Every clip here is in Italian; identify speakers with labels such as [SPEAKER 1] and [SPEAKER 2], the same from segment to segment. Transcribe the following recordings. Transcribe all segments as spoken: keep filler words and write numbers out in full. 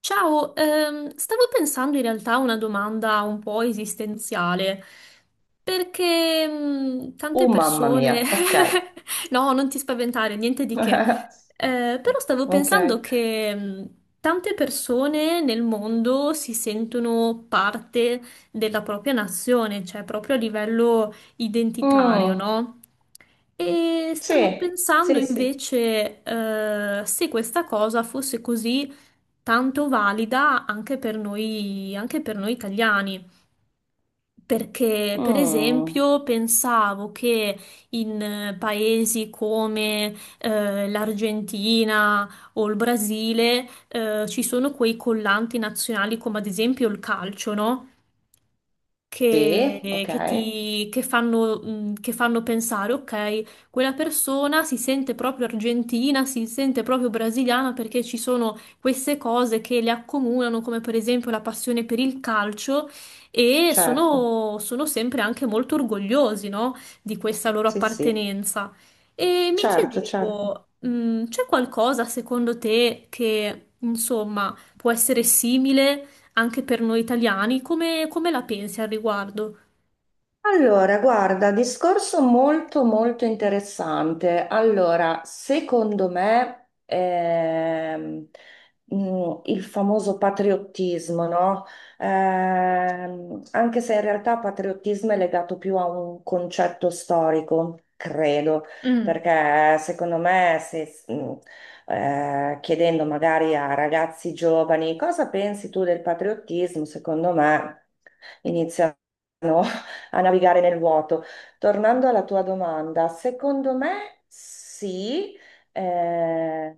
[SPEAKER 1] Ciao, ehm, stavo pensando in realtà a una domanda un po' esistenziale, perché mm, tante
[SPEAKER 2] Oh mamma mia,
[SPEAKER 1] persone...
[SPEAKER 2] ok.
[SPEAKER 1] No, non ti spaventare, niente di che. Eh, però stavo
[SPEAKER 2] Ok.
[SPEAKER 1] pensando che mh, tante persone nel mondo si sentono parte della propria nazione, cioè proprio a livello identitario,
[SPEAKER 2] Mm,
[SPEAKER 1] no? E stavo
[SPEAKER 2] sì,
[SPEAKER 1] pensando
[SPEAKER 2] sì, sì.
[SPEAKER 1] invece eh, se questa cosa fosse così tanto valida anche per noi, anche per noi italiani. Perché, per
[SPEAKER 2] Mm,
[SPEAKER 1] esempio, pensavo che in eh, paesi come eh, l'Argentina o il Brasile eh, ci sono quei collanti nazionali come ad esempio il calcio, no?
[SPEAKER 2] sì,
[SPEAKER 1] che, che
[SPEAKER 2] ok,
[SPEAKER 1] ti, che fanno, mh, che fanno pensare, ok, quella persona si sente proprio argentina, si sente proprio brasiliana perché ci sono queste cose che le accomunano, come per esempio la passione per il calcio, e
[SPEAKER 2] certo.
[SPEAKER 1] sono, sono sempre anche molto orgogliosi, no, di questa loro
[SPEAKER 2] Sì, sì,
[SPEAKER 1] appartenenza. E mi
[SPEAKER 2] certo, certo.
[SPEAKER 1] chiedevo, mh, c'è qualcosa secondo te che, insomma, può essere simile anche per noi italiani, come, come la pensi al riguardo?
[SPEAKER 2] Allora, guarda, discorso molto molto interessante. Allora, secondo me, ehm, mh, il famoso patriottismo, no? Ehm, anche se in realtà patriottismo è legato più a un concetto storico, credo,
[SPEAKER 1] Mm.
[SPEAKER 2] perché secondo me se, mh, eh, chiedendo magari a ragazzi giovani cosa pensi tu del patriottismo, secondo me iniziano a navigare nel vuoto. Tornando alla tua domanda, secondo me sì, eh,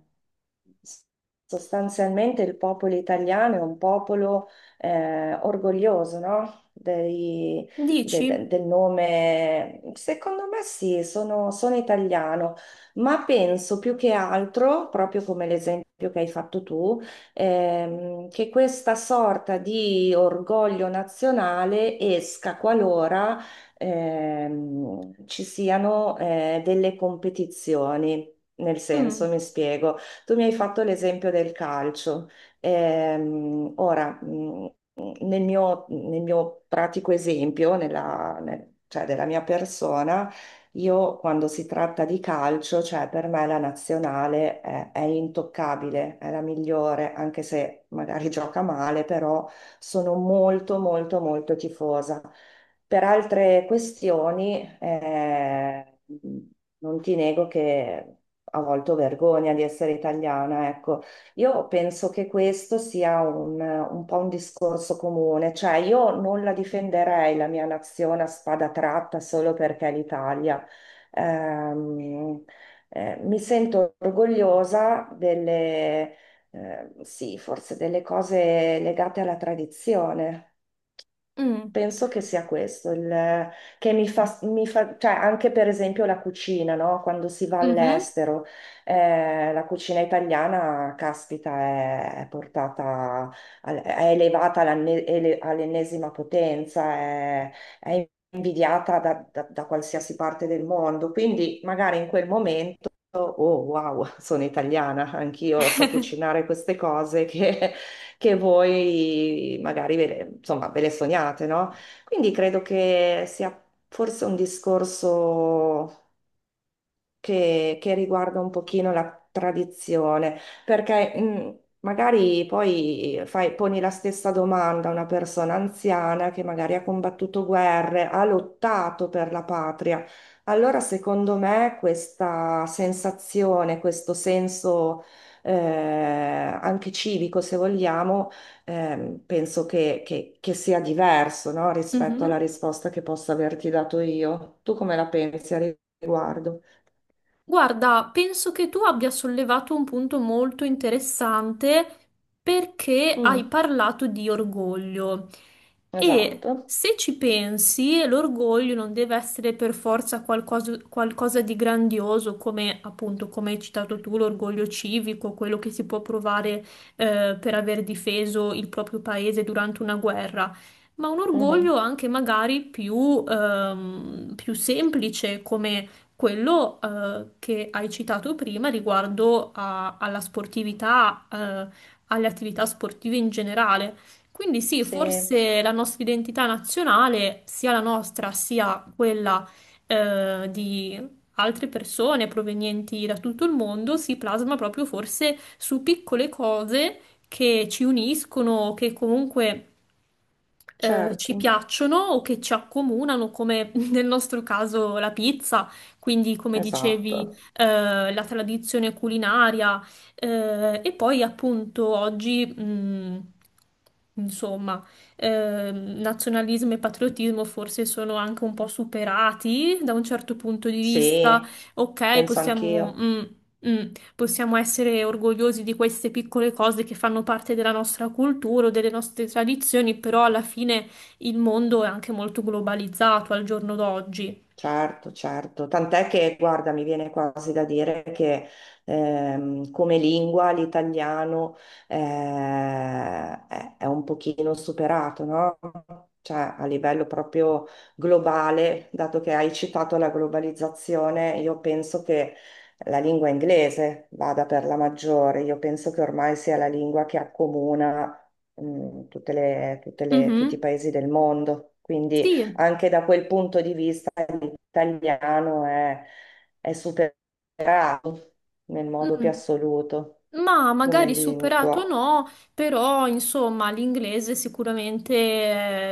[SPEAKER 2] sostanzialmente il popolo italiano è un popolo eh, orgoglioso, no? Dei- de- de-
[SPEAKER 1] Dici?
[SPEAKER 2] del nome, secondo me sì, sono, sono italiano, ma penso più che altro, proprio come l'esempio che hai fatto tu, ehm, che questa sorta di orgoglio nazionale esca qualora, ehm, ci siano, eh, delle competizioni. Nel senso,
[SPEAKER 1] Mm,
[SPEAKER 2] mi spiego, tu mi hai fatto l'esempio del calcio. Ehm, ora, mh, nel mio, nel mio pratico esempio, nella, nel- cioè della mia persona, io quando si tratta di calcio, cioè per me la nazionale è, è intoccabile, è la migliore, anche se magari gioca male, però sono molto molto molto tifosa. Per altre questioni, eh, non ti nego che a volte ho vergogna di essere italiana, ecco. Io penso che questo sia un, un po' un discorso comune, cioè io non la difenderei la mia nazione a spada tratta solo perché è l'Italia. Ehm, eh, Mi sento orgogliosa delle, eh, sì, forse delle cose legate alla tradizione.
[SPEAKER 1] mm,
[SPEAKER 2] Penso che sia questo, il- che mi fa, mi fa- cioè anche per esempio la cucina, no? Quando si va
[SPEAKER 1] mhm,
[SPEAKER 2] all'estero, eh, la cucina italiana, caspita, è, è portata, al- è elevata all'anne- ele- all'ennesima potenza, è, è invidiata da, da- da qualsiasi parte del mondo, quindi magari in quel momento, oh wow, sono italiana, anch'io so cucinare queste cose che che voi magari ve le, insomma, ve le sognate, no? Quindi credo che sia forse un discorso che, che riguarda un pochino la tradizione, perché mh, magari poi fai- poni la stessa domanda a una persona anziana che magari ha combattuto guerre, ha lottato per la patria. Allora, secondo me, questa sensazione, questo senso, eh, anche civico, se vogliamo, ehm, penso che, che- che sia diverso, no, rispetto
[SPEAKER 1] mhm.
[SPEAKER 2] alla risposta che posso averti dato io. Tu come la pensi a riguardo?
[SPEAKER 1] Guarda, penso che tu abbia sollevato un punto molto interessante perché hai
[SPEAKER 2] Mm,
[SPEAKER 1] parlato di orgoglio. E
[SPEAKER 2] esatto.
[SPEAKER 1] se ci pensi, l'orgoglio non deve essere per forza qualcosa, qualcosa di grandioso, come appunto, come hai citato tu, l'orgoglio civico, quello che si può provare eh, per aver difeso il proprio paese durante una guerra. Ma un
[SPEAKER 2] Mhm.
[SPEAKER 1] orgoglio anche magari più, ehm, più semplice, come quello eh, che hai citato prima riguardo a- alla sportività, eh, alle attività sportive in generale. Quindi sì,
[SPEAKER 2] Sì,
[SPEAKER 1] forse la nostra identità nazionale, sia la nostra sia quella eh, di altre persone provenienti da tutto il mondo, si plasma proprio forse su piccole cose che ci uniscono, che comunque eh, ci
[SPEAKER 2] certo,
[SPEAKER 1] piacciono o che ci accomunano, come nel nostro caso la pizza. Quindi, come dicevi,
[SPEAKER 2] esatto.
[SPEAKER 1] eh, la tradizione culinaria, eh, e poi appunto oggi, mh, insomma, ehm, nazionalismo e patriottismo forse sono anche un po' superati da un certo punto di vista.
[SPEAKER 2] Sì,
[SPEAKER 1] Ok,
[SPEAKER 2] penso
[SPEAKER 1] possiamo,
[SPEAKER 2] anch'io.
[SPEAKER 1] mh, mh, possiamo essere orgogliosi di queste piccole cose che fanno parte della nostra cultura o delle nostre tradizioni, però alla fine il mondo è anche molto globalizzato al giorno d'oggi.
[SPEAKER 2] Certo, certo, tant'è che, guarda, mi viene quasi da dire che, ehm, come lingua l'italiano, eh, è, è un pochino superato, no? Cioè, a livello proprio globale, dato che hai citato la globalizzazione, io penso che la lingua inglese vada per la maggiore, io penso che ormai sia la lingua che accomuna, mm, tutte le- tutte le- tutti i
[SPEAKER 1] Mhm.
[SPEAKER 2] paesi del mondo, quindi
[SPEAKER 1] Sì,
[SPEAKER 2] anche da quel punto di vista italiano è, è superato nel modo più
[SPEAKER 1] mm,
[SPEAKER 2] assoluto
[SPEAKER 1] ma
[SPEAKER 2] come
[SPEAKER 1] magari superato
[SPEAKER 2] lingua.
[SPEAKER 1] no, però insomma l'inglese è sicuramente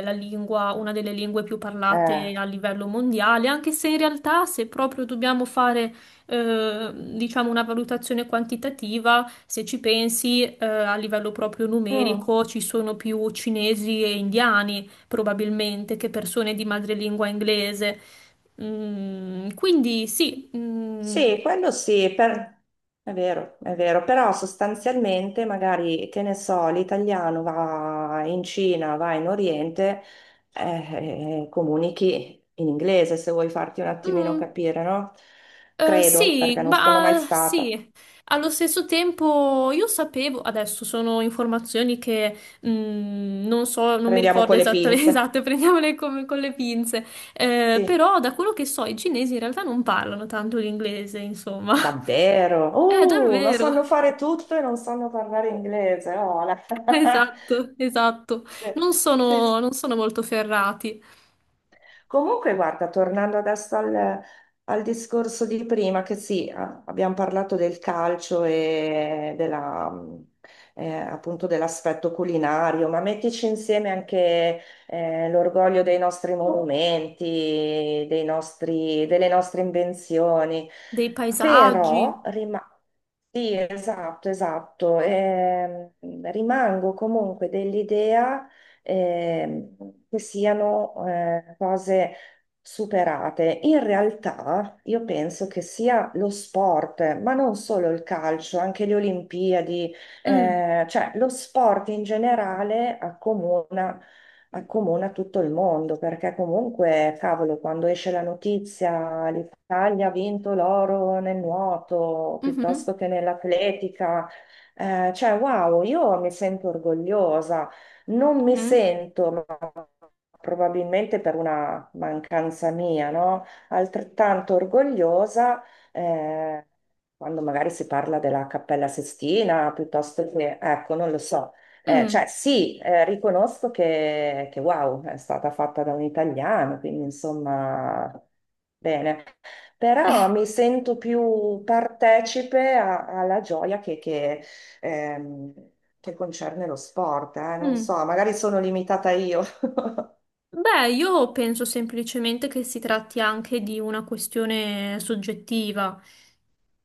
[SPEAKER 1] è la lingua, una delle lingue più
[SPEAKER 2] Eh,
[SPEAKER 1] parlate a livello mondiale, anche se in realtà se proprio dobbiamo fare eh, diciamo una valutazione quantitativa, se ci pensi eh, a livello proprio
[SPEAKER 2] Mm,
[SPEAKER 1] numerico ci sono più cinesi e indiani probabilmente che persone di madrelingua inglese. Mm, quindi sì. Mm,
[SPEAKER 2] sì, quello sì. Per- è vero, è vero, però sostanzialmente magari, che ne so, l'italiano va in Cina, va in Oriente, eh, eh, comunichi in inglese se vuoi farti un attimino
[SPEAKER 1] mm.
[SPEAKER 2] capire, no?
[SPEAKER 1] Eh,
[SPEAKER 2] Credo,
[SPEAKER 1] sì,
[SPEAKER 2] perché non sono mai
[SPEAKER 1] ma ah,
[SPEAKER 2] stata.
[SPEAKER 1] sì, allo stesso tempo io sapevo, adesso sono informazioni che mm, non so, non mi
[SPEAKER 2] Prendiamo
[SPEAKER 1] ricordo
[SPEAKER 2] con le
[SPEAKER 1] esatte,
[SPEAKER 2] pinze.
[SPEAKER 1] esatte, prendiamole come- con le pinze. Eh,
[SPEAKER 2] Sì.
[SPEAKER 1] però da quello che so i cinesi in realtà non parlano tanto l'inglese, insomma.
[SPEAKER 2] Davvero?
[SPEAKER 1] Eh,
[SPEAKER 2] Uh, ma
[SPEAKER 1] davvero,
[SPEAKER 2] sanno fare tutto e non sanno parlare inglese. Oh, la-
[SPEAKER 1] esatto, esatto,
[SPEAKER 2] Beh,
[SPEAKER 1] non
[SPEAKER 2] sì,
[SPEAKER 1] sono,
[SPEAKER 2] sì.
[SPEAKER 1] non sono molto ferrati
[SPEAKER 2] Comunque, guarda, tornando adesso al, al discorso di prima, che sì, a- abbiamo parlato del calcio e della, mh, eh, appunto dell'aspetto culinario, ma mettici insieme anche, eh, l'orgoglio dei nostri monumenti, dei nostri- delle nostre invenzioni.
[SPEAKER 1] dei
[SPEAKER 2] Però,
[SPEAKER 1] paesaggi.
[SPEAKER 2] rima- sì, esatto, esatto. Ehm, rimango comunque dell'idea, ehm, che siano, eh, cose superate. In realtà io penso che sia lo sport, ma non solo il calcio, anche le Olimpiadi,
[SPEAKER 1] Mm.
[SPEAKER 2] eh, cioè lo sport in generale accomuna accomuna tutto il mondo, perché comunque, cavolo, quando esce la notizia, l'Italia ha vinto l'oro nel nuoto,
[SPEAKER 1] Mhm,
[SPEAKER 2] piuttosto che nell'atletica, eh, cioè, wow, io mi sento orgogliosa, non mi
[SPEAKER 1] mhm,
[SPEAKER 2] sento, ma probabilmente per una mancanza mia, no? Altrettanto orgogliosa, eh, quando magari si parla della Cappella Sistina, piuttosto che, ecco, non lo so. Eh, cioè
[SPEAKER 1] mm,
[SPEAKER 2] sì, eh, riconosco che, che wow, è stata fatta da un italiano, quindi insomma, bene. Però mi sento più partecipe a- alla gioia che, che, ehm, che concerne lo sport, eh, non so,
[SPEAKER 1] mm.
[SPEAKER 2] magari sono limitata io.
[SPEAKER 1] Beh, io penso semplicemente che si tratti anche di una questione soggettiva,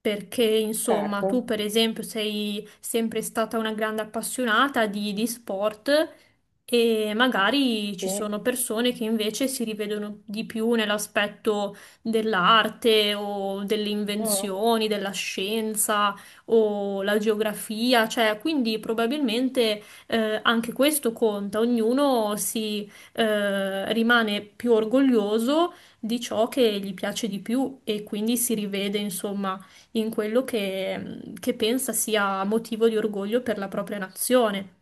[SPEAKER 1] perché insomma tu
[SPEAKER 2] Certo,
[SPEAKER 1] per esempio sei sempre stata una grande appassionata di, di sport e magari ci
[SPEAKER 2] sì.
[SPEAKER 1] sono persone che invece si rivedono di più nell'aspetto dell'arte o delle
[SPEAKER 2] Mm.
[SPEAKER 1] invenzioni, della scienza o la geografia, cioè quindi probabilmente eh, anche questo conta, ognuno si eh, rimane più orgoglioso di ciò che gli piace di più e quindi si rivede, insomma, in quello che che pensa sia motivo di orgoglio per la propria nazione.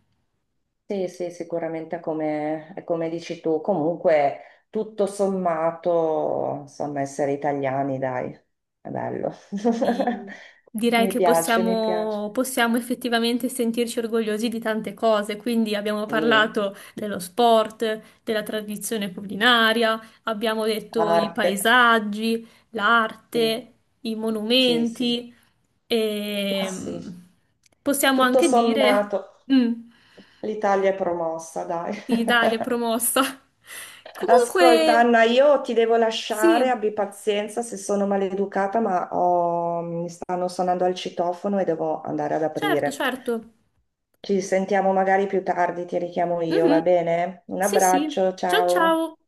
[SPEAKER 2] Sì, sì, sicuramente è come, è come dici tu. Comunque, tutto sommato, insomma, essere italiani, dai, è bello.
[SPEAKER 1] Sì, direi
[SPEAKER 2] Mi
[SPEAKER 1] che
[SPEAKER 2] piace, mi piace.
[SPEAKER 1] possiamo, possiamo effettivamente sentirci orgogliosi di tante cose, quindi abbiamo
[SPEAKER 2] Sì,
[SPEAKER 1] parlato dello sport, della tradizione culinaria, abbiamo detto i
[SPEAKER 2] arte.
[SPEAKER 1] paesaggi,
[SPEAKER 2] Sì,
[SPEAKER 1] l'arte, i
[SPEAKER 2] sì, sì.
[SPEAKER 1] monumenti
[SPEAKER 2] Ma
[SPEAKER 1] e
[SPEAKER 2] sì,
[SPEAKER 1] mm, possiamo
[SPEAKER 2] tutto
[SPEAKER 1] anche dire,
[SPEAKER 2] sommato,
[SPEAKER 1] mm,
[SPEAKER 2] l'Italia è promossa, dai.
[SPEAKER 1] sì, dai, è promossa.
[SPEAKER 2] Ascolta,
[SPEAKER 1] Comunque,
[SPEAKER 2] Anna, io ti devo lasciare,
[SPEAKER 1] sì,
[SPEAKER 2] abbi pazienza se sono maleducata, ma ho- mi stanno suonando al citofono e devo andare ad
[SPEAKER 1] certo,
[SPEAKER 2] aprire.
[SPEAKER 1] certo.
[SPEAKER 2] Ci sentiamo magari più tardi, ti richiamo io, va
[SPEAKER 1] Mhm,
[SPEAKER 2] bene? Un
[SPEAKER 1] sì, sì.
[SPEAKER 2] abbraccio,
[SPEAKER 1] Ciao,
[SPEAKER 2] ciao.
[SPEAKER 1] ciao.